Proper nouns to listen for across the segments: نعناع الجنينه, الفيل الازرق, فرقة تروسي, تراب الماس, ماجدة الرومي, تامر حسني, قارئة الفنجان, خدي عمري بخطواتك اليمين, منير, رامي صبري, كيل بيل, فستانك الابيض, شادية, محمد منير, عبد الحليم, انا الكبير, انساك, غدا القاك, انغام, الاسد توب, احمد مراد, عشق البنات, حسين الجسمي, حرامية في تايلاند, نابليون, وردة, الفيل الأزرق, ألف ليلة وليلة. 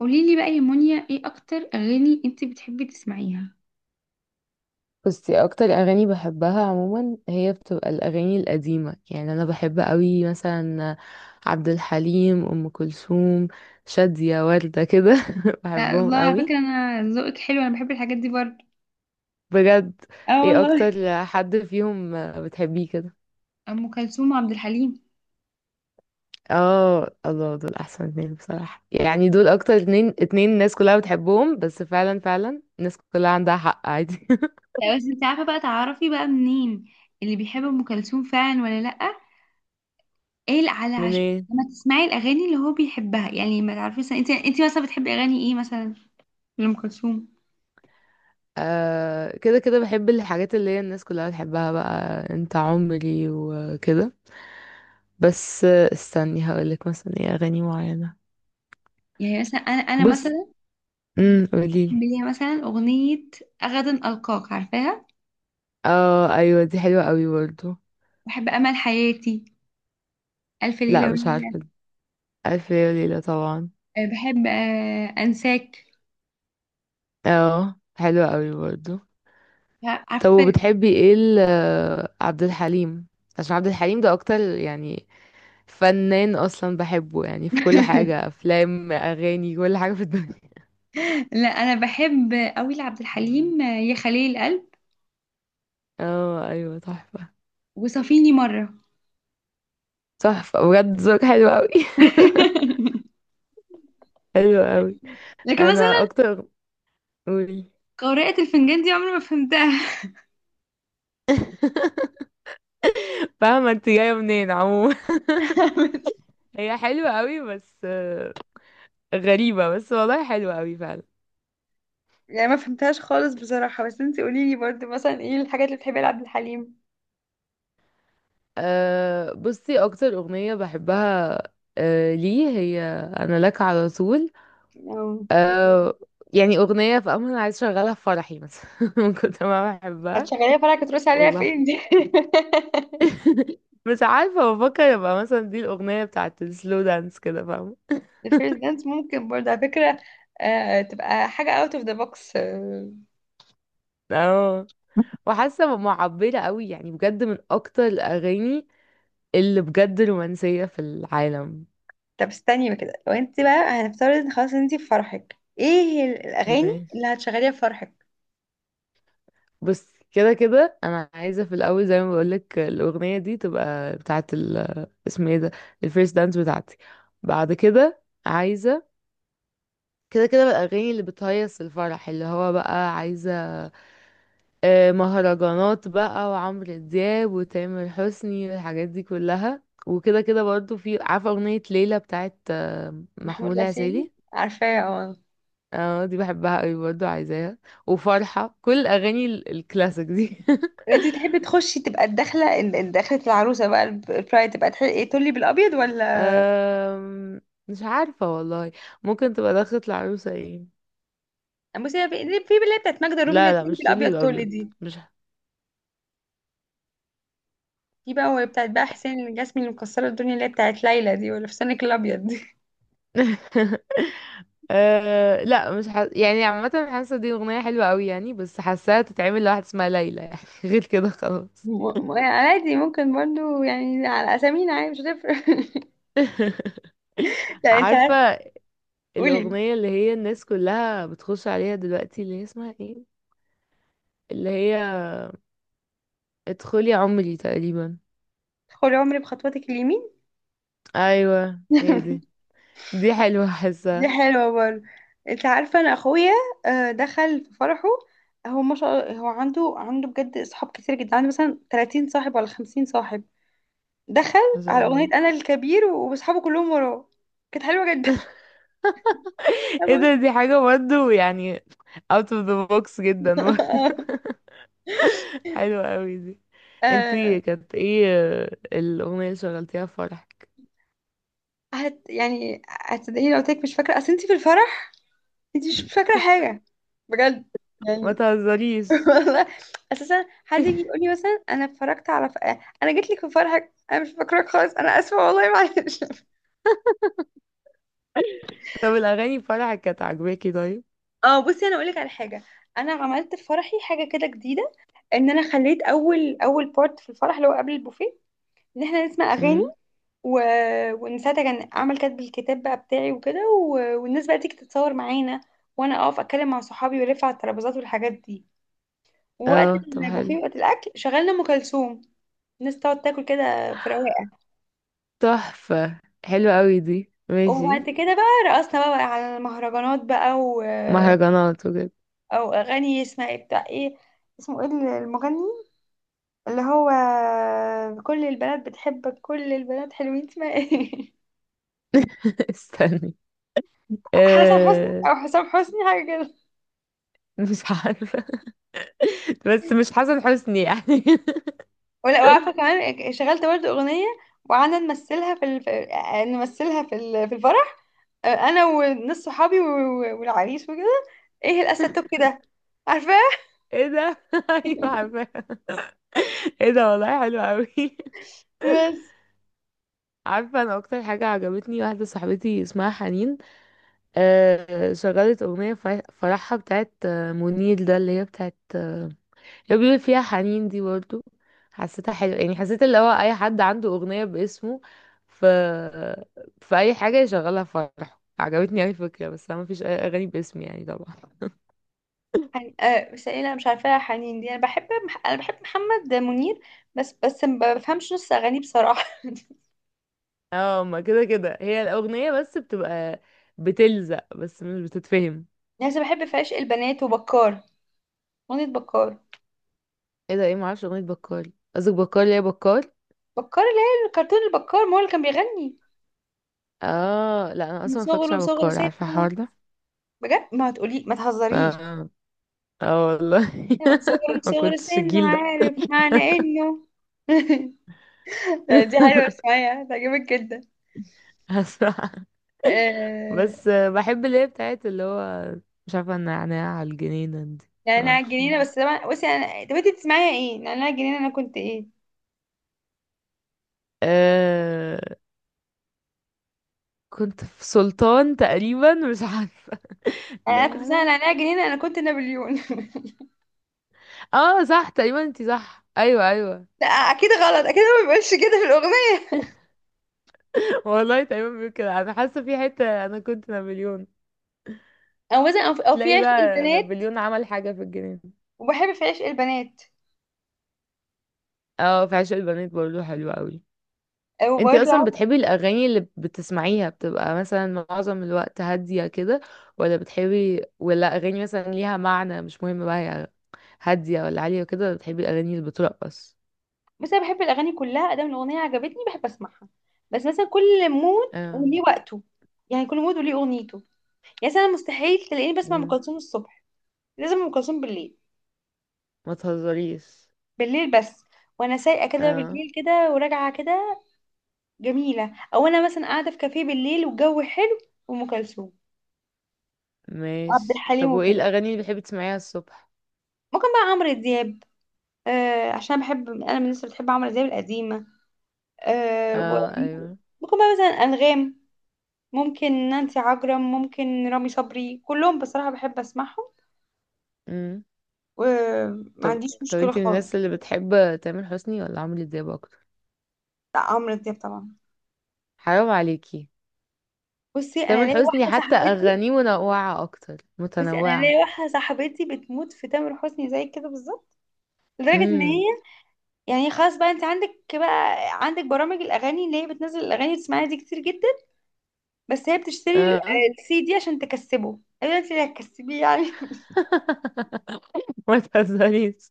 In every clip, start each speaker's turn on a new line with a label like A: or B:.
A: قولي لي بقى يا مونيا، ايه اكتر اغاني انت بتحبي تسمعيها؟
B: بصي، اكتر اغاني بحبها عموما هي بتبقى الاغاني القديمه. يعني انا بحب قوي مثلا عبد الحليم، ام كلثوم، شاديه، ورده كده.
A: لا والله،
B: بحبهم
A: على
B: قوي.
A: فكره انا ذوقك حلو، انا بحب الحاجات دي برضه.
B: بجد.
A: اه
B: ايه
A: والله.
B: اكتر حد فيهم بتحبيه كده؟
A: ام كلثوم وعبد الحليم.
B: اه، الله، دول احسن اتنين بصراحه. يعني دول اكتر اتنين الناس كلها بتحبهم، بس فعلا فعلا الناس كلها عندها حق عادي.
A: لا بس انت عارفه بقى، تعرفي بقى منين اللي بيحب ام كلثوم فعلا ولا لا؟ ايه اللي على عش...
B: منين؟
A: لما تسمعي الاغاني اللي هو بيحبها يعني ما تعرفيش، انت مثلا بتحبي اغاني ايه مثلا؟ لام كلثوم.
B: آه، كده كده بحب الحاجات اللي هي الناس كلها بتحبها بقى. انت عمري وكده. بس استني هقولك مثلا ايه اغاني معينة.
A: يعني مثلا انا
B: بص.
A: مثلا بحب
B: قوليلي.
A: ليها مثلا اغنيه غدا القاك، عارفاها.
B: اه ايوه دي حلوة قوي برضو.
A: بحب امل حياتي، الف
B: لا
A: ليله
B: مش
A: وليله.
B: عارفة دي. الف ليلة وليلة طبعا.
A: بحب، انساك.
B: اه حلوة قوي برضو.
A: لا،
B: طب
A: عارفه.
B: وبتحبي ايه عبد الحليم؟ عشان عبد الحليم ده اكتر يعني فنان اصلا بحبه، يعني في كل حاجة، افلام، اغاني، كل حاجة في الدنيا.
A: لا، انا بحب قوي لعبد الحليم. يا خليل القلب،
B: اه ايوه تحفة.
A: وصافيني مره.
B: تحفة بجد، ذوقك حلو قوي. حلو قوي.
A: لكن
B: انا
A: مثلا
B: اكتر. قولي.
A: قارئة الفنجان دي عمري ما فهمتها.
B: فاهمة انت جاية منين عموما. هي حلوة قوي بس غريبة، بس والله حلوة قوي فعلا.
A: يعني ما فهمتهاش خالص بصراحة، بس انتي قوليلي برضه مثلا ايه الحاجات اللي بتحبيها لعبد الحليم.
B: أه بصي اكتر اغنية بحبها، أه ليه هي، انا لك على طول.
A: أو-
B: أه يعني اغنية في امل، عايز اشغلها في فرحي مثلا من كنت ما بحبها.
A: هتشغليها فرقة تروسي عليها؟
B: والله
A: فين دي؟
B: مش عارفة، بفكر ابقى مثلا دي الاغنية بتاعت السلو دانس، كده فاهمة.
A: الفيرست دانس ممكن برضه على فكرة. تبقى حاجة out of the box.
B: اه، وحاسه معبره قوي، يعني بجد من اكتر الاغاني اللي بجد رومانسيه في العالم.
A: طب استني بقى كده، لو انت بقى هنفترض ان خلاص انت في فرحك، ايه هي الاغاني
B: ماشي،
A: اللي هتشغليها في فرحك؟
B: بس كده كده انا عايزه في الاول، زي ما بقولك، الاغنيه دي تبقى بتاعه اسمه ايه ده، الفيرست دانس بتاعتي. بعد كده عايزه كده كده بقى الاغاني اللي بتهيص الفرح، اللي هو بقى عايزه مهرجانات بقى، وعمرو دياب، وتامر حسني، والحاجات دي كلها. وكده كده برضو في، عارفه، اغنيه ليلى بتاعه
A: محمود
B: محمود
A: العسيلي
B: العسيلي.
A: عارفاه، اه.
B: اه دي بحبها قوي برضه، عايزاها. وفرحة كل الأغاني الكلاسيك دي.
A: انت تحبي تخشي تبقى الدخله، دخله العروسه بقى، البرايد تبقى ايه، تولي بالابيض ولا؟
B: أم... مش عارفة والله. ممكن تبقى دخلت العروسة ايه.
A: بصي هي في اللي هي بتاعت ماجدة الرومي، اللي
B: لا
A: هي
B: لا
A: تولي
B: مش طولي
A: بالابيض، تولي
B: الأبيض.
A: دي.
B: مش
A: في بقى وهي بتاعت بقى حسين الجسمي، اللي مكسره الدنيا، اللي هي بتاعت ليلى دي، ولا فستانك الابيض دي.
B: لا مش يعني عامة حاسة دي أغنية حلوة قوي، يعني بس حاساها تتعمل لواحد اسمها ليلى، يعني غير كده خلاص.
A: يعني عادي، ممكن برضو، يعني على اسامينا عادي مش هتفرق. لا،
B: عارفة
A: قولي.
B: الأغنية اللي هي الناس كلها بتخش عليها دلوقتي، اللي هي اسمها ايه، اللي هي ادخلي عمري تقريبا؟
A: خدي عمري بخطواتك اليمين.
B: ايوه هي دي. دي حلوة،
A: دي
B: حاسة.
A: حلوة برضه. انت عارفة انا اخويا، دخل في فرحه. هو ما شاء الله، هو عنده بجد اصحاب كتير جدا، عنده مثلا 30 صاحب ولا 50 صاحب. دخل
B: ما شاء
A: على اغنية
B: الله.
A: انا الكبير واصحابه كلهم وراه. كانت حلوة جدا.
B: ايه
A: حلوة.
B: ده، دي حاجة برضه يعني out of the box جدا. حلوة قوي دي.
A: آه،
B: انتي كانت ايه الأغنية اللي شغلتيها في فرح؟
A: يعني هتصدقيني لو قلت لك مش فاكرة؟ اصل انت في الفرح انت مش فاكرة حاجة، بجد،
B: ما
A: يعني.
B: تهزريش.
A: والله، اساسا حد يجي يقول لي مثلا انا اتفرجت على انا جيت لك في فرحك انا مش فاكراك خالص، انا اسفه والله، معلش.
B: طب الأغاني في فرحك كانت عاجباكي طيب؟
A: اه، بصي انا اقولك على حاجه. انا عملت في فرحي حاجه كده جديده، ان انا خليت اول بارت في الفرح اللي هو قبل البوفيه، ان احنا نسمع اغاني
B: امم.
A: و... وان ساعتها كان اعمل كاتب الكتاب بقى بتاعي وكده والناس بقى تيجي تتصور معانا، وانا اقف اتكلم مع صحابي والف على الترابيزات والحاجات دي. ووقت
B: اه طب حلو.
A: البوفيه، وقت الاكل، شغلنا ام كلثوم الناس تقعد تاكل كده في رواقه.
B: تحفة. حلوة قوي دي، ماشي.
A: وبعد كده بقى، رقصنا بقى على المهرجانات بقى
B: مهرجانات بجد.
A: او اغاني اسمها ايه، بتاع ايه، اسمه ايه المغني، اللي هو كل البنات بتحبك، كل البنات حلوين، اسمها ايه؟
B: استني.
A: حسن حسني
B: أه...
A: او حسام حسني، حاجه كده.
B: مش عارفة. بس مش حسن حسني يعني.
A: ولا وعارفه كمان، شغلت برضه اغنيه وقعدنا نمثلها في نمثلها في الفرح، انا وناس صحابي والعريس وكده. ايه الاسد توب كده، عارفاه.
B: ايه ده، ايوه عارفاها. ايه ده والله حلو قوي.
A: بس
B: عارفه، انا اكتر حاجه عجبتني واحده صاحبتي اسمها حنين. آه شغلت اغنيه فرحها بتاعت منير ده، اللي هي بتاعت اللي بيقول فيها حنين دي برضه. حسيتها حلوه، يعني حسيت اللي هو اي حد عنده اغنيه باسمه، ف في اي حاجه يشغلها في فرحه، عجبتني اوي الفكره. بس انا مفيش اي اغاني باسمي يعني طبعا.
A: حن... آه بس ايه، انا مش عارفاها حنين دي. انا بحب محمد منير، بس ما بفهمش نص اغانيه بصراحه.
B: اه، ما كده كده هي الاغنيه بس بتبقى بتلزق بس مش بتتفهم.
A: يعني أنا بحب في عشق البنات وبكار، اغنيه بكار.
B: ايه ده؟ ايه؟ معرفش اغنية بكال، قصدك بكال، اللي هي بكال؟
A: بكار اللي هي الكرتون، البكار ما هو اللي كان بيغني
B: اه لا، انا
A: من
B: اصلا ما اتفرجتش
A: صغره،
B: على
A: صغر
B: بكال، عارفة الحوار
A: سنه،
B: ده.
A: بجد، ما تقولي ما تهزريش،
B: اه. اه والله.
A: من صغره
B: ما
A: صغر
B: كنتش
A: سنه
B: الجيل ده.
A: عارف معنى انه. دي حلوه، اسمعيها تعجبك جدا.
B: هسمع.
A: آه...
B: بس بحب اللي هي بتاعت اللي هو، مش عارفة، النعناع على الجنينة دي. ما
A: نعناع
B: اعرفش، ما
A: الجنينه
B: هي
A: بس، طبعا بصي انا، طب انت بتسمعيها ايه نعناع الجنينه، انا كنت ايه؟
B: آه كنت في سلطان تقريبا، مش عارفة.
A: انا كنت بسمع
B: نعناع.
A: نعناع الجنينه انا كنت نابليون.
B: اه صح تقريبا انتي صح، ايوه ايوه.
A: لا اكيد غلط، اكيد هو ما بيقولش كده في الاغنيه.
B: والله تقريبا بيقول كده، انا حاسة في حتة انا كنت نابليون.
A: او مثلا او في أو في
B: تلاقي
A: عشق
B: بقى
A: البنات،
B: نابليون عمل حاجة في الجنينة.
A: وبحب في عشق البنات.
B: اه في عشق البنات برضه حلو قوي. انتي اصلا
A: وبرضه
B: بتحبي الاغاني اللي بتسمعيها بتبقى مثلا معظم الوقت هادية كده، ولا بتحبي، ولا اغاني مثلا ليها معنى، مش مهم بقى هي هادية ولا عالية وكده، ولا بتحبي الاغاني اللي بترقص؟
A: بس انا بحب الاغاني كلها، ادام الاغنيه عجبتني بحب اسمعها. بس مثلا كل مود
B: اه.
A: وليه وقته، يعني كل مود وليه اغنيته. يعني مثلا مستحيل تلاقيني بسمع ام
B: مم.
A: كلثوم الصبح، لازم ام كلثوم بالليل،
B: ما تهزريش.
A: بالليل بس. وانا سايقه كده
B: اه
A: بالليل كده، وراجعه كده جميله، او انا مثلا قاعده في كافيه بالليل والجو حلو، وام كلثوم وعبد
B: ماشي. طب
A: الحليم
B: وايه
A: وكده.
B: الاغاني اللي بتحبي تسمعيها الصبح؟
A: ممكن بقى عمرو دياب، عشان بحب انا، من الناس اللي بتحب عمرو دياب القديمه.
B: اه
A: وممكن
B: ايوه.
A: بقى مثلا انغام، ممكن نانسي عجرم، ممكن رامي صبري، كلهم بصراحة بحب اسمعهم
B: مم.
A: وما
B: طب.
A: عنديش
B: طب
A: مشكلة
B: انتي من
A: خالص.
B: الناس اللي بتحب تامر حسني ولا عمرو دياب اكتر؟
A: لا، عمرو دياب طبعا.
B: حرام عليكي.
A: بصي انا
B: تامر
A: ليا
B: حسني
A: واحدة
B: حتى
A: صاحبتي
B: اغانيه منوعه اكتر،
A: بصي انا ليا
B: متنوعه.
A: واحدة صاحبتي بتموت في تامر حسني زي كده بالظبط، لدرجة ان هي
B: امم.
A: يعني خلاص بقى، انت عندك برامج الاغاني اللي هي بتنزل الاغاني وتسمعيها دي كتير جدا، بس هي بتشتري
B: اه.
A: السي دي عشان تكسبه. ايوه، انت اللي هتكسبيه يعني.
B: ما تهزريش.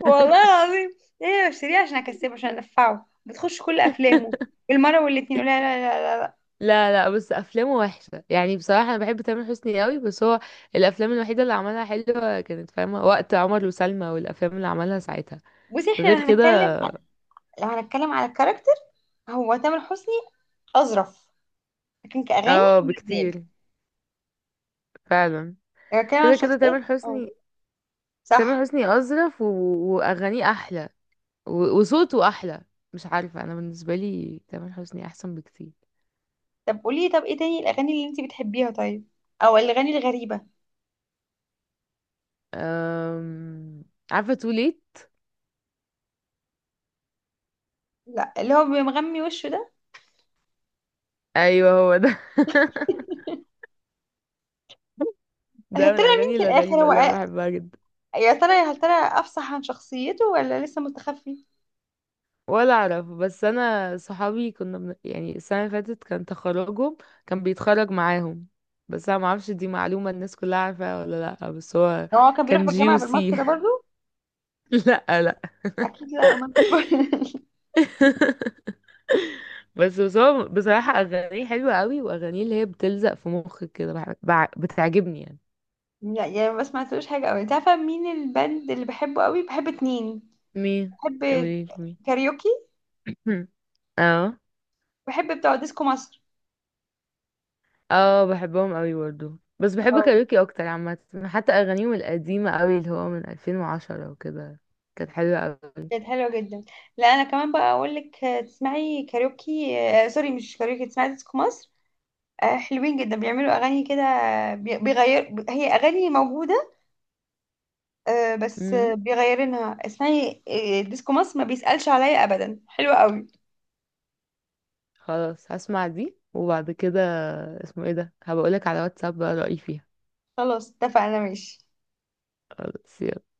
A: والله العظيم، هي بشتريه عشان اكسبه، عشان ادفعه. بتخش كل افلامه بالمرة والاتنين. لا لا لا لا.
B: لا لا، بس افلامه وحشه، يعني بصراحه انا بحب تامر حسني قوي بس هو الافلام الوحيده اللي عملها حلوه كانت، فاهمه، وقت عمر وسلمى والافلام اللي عملها ساعتها،
A: بصي، احنا لو
B: غير كده.
A: هنتكلم، على الكاركتر، هو تامر حسني أظرف، لكن كأغاني
B: اه
A: عمرو دياب.
B: بكتير فعلا.
A: لو هنتكلم عن
B: كده كده
A: شخصيات،
B: تامر
A: اه،
B: حسني. تامر
A: صح.
B: حسني اظرف، و... واغانيه احلى، و... وصوته احلى. مش عارفه، انا بالنسبه لي تامر حسني احسن بكتير.
A: طب قولي، ايه تاني الأغاني اللي انتي بتحبيها طيب؟ او الأغاني الغريبة؟
B: أم... عارفة too late؟
A: لا، اللي هو بيمغمي وشه ده.
B: ايوه هو ده.
A: يا
B: ده من
A: ترى مين
B: الاغاني
A: في الآخر،
B: الغريبة
A: هو
B: اللي انا بحبها جدا.
A: يا ترى أفصح عن شخصيته ولا لسه مستخفي؟
B: ولا اعرف، بس انا صحابي كنا يعني السنة اللي فاتت كان تخرجهم، كان بيتخرج معاهم. بس انا معرفش دي معلومة الناس كلها عارفاها ولا لا، بس هو
A: هو كان بيروح
B: كان
A: بالجامعة بالماسك
B: جيوسي.
A: ده برضه؟
B: لا لا.
A: أكيد لا، أمان.
B: بس بس هو بصراحة اغانيه حلوة قوي، واغانيه اللي هي بتلزق في مخك كده بتعجبني يعني.
A: لا يعني ما سمعتلوش حاجة أوي. انت عارفة مين البند اللي بحبه أوي؟ بحب اتنين.
B: مين؟
A: بحب
B: قوليلي مين.
A: كاريوكي،
B: اه.
A: بحب بتوع ديسكو مصر.
B: اه بحبهم قوي برضه، بس بحب
A: اه
B: كاريوكي اكتر عامة. حتى اغانيهم القديمة قوي اللي هو من 2010 وكده كانت حلوة قوي.
A: كانت حلوة جدا. لا انا كمان بقى اقول لك، تسمعي كاريوكي. سوري، مش كاريوكي، تسمعي ديسكو مصر. حلوين جدا، بيعملوا اغاني كده، بيغير، هي اغاني موجودة، بس
B: امم،
A: بيغيرينها. اسمعي ديسكو مصر ما بيسألش عليا ابدا، حلوة قوي.
B: خلاص هسمع دي وبعد كده، اسمه ايه ده، هبقولك على واتساب بقى رأيي فيها.
A: خلاص اتفقنا ماشي.
B: خلاص، يلا.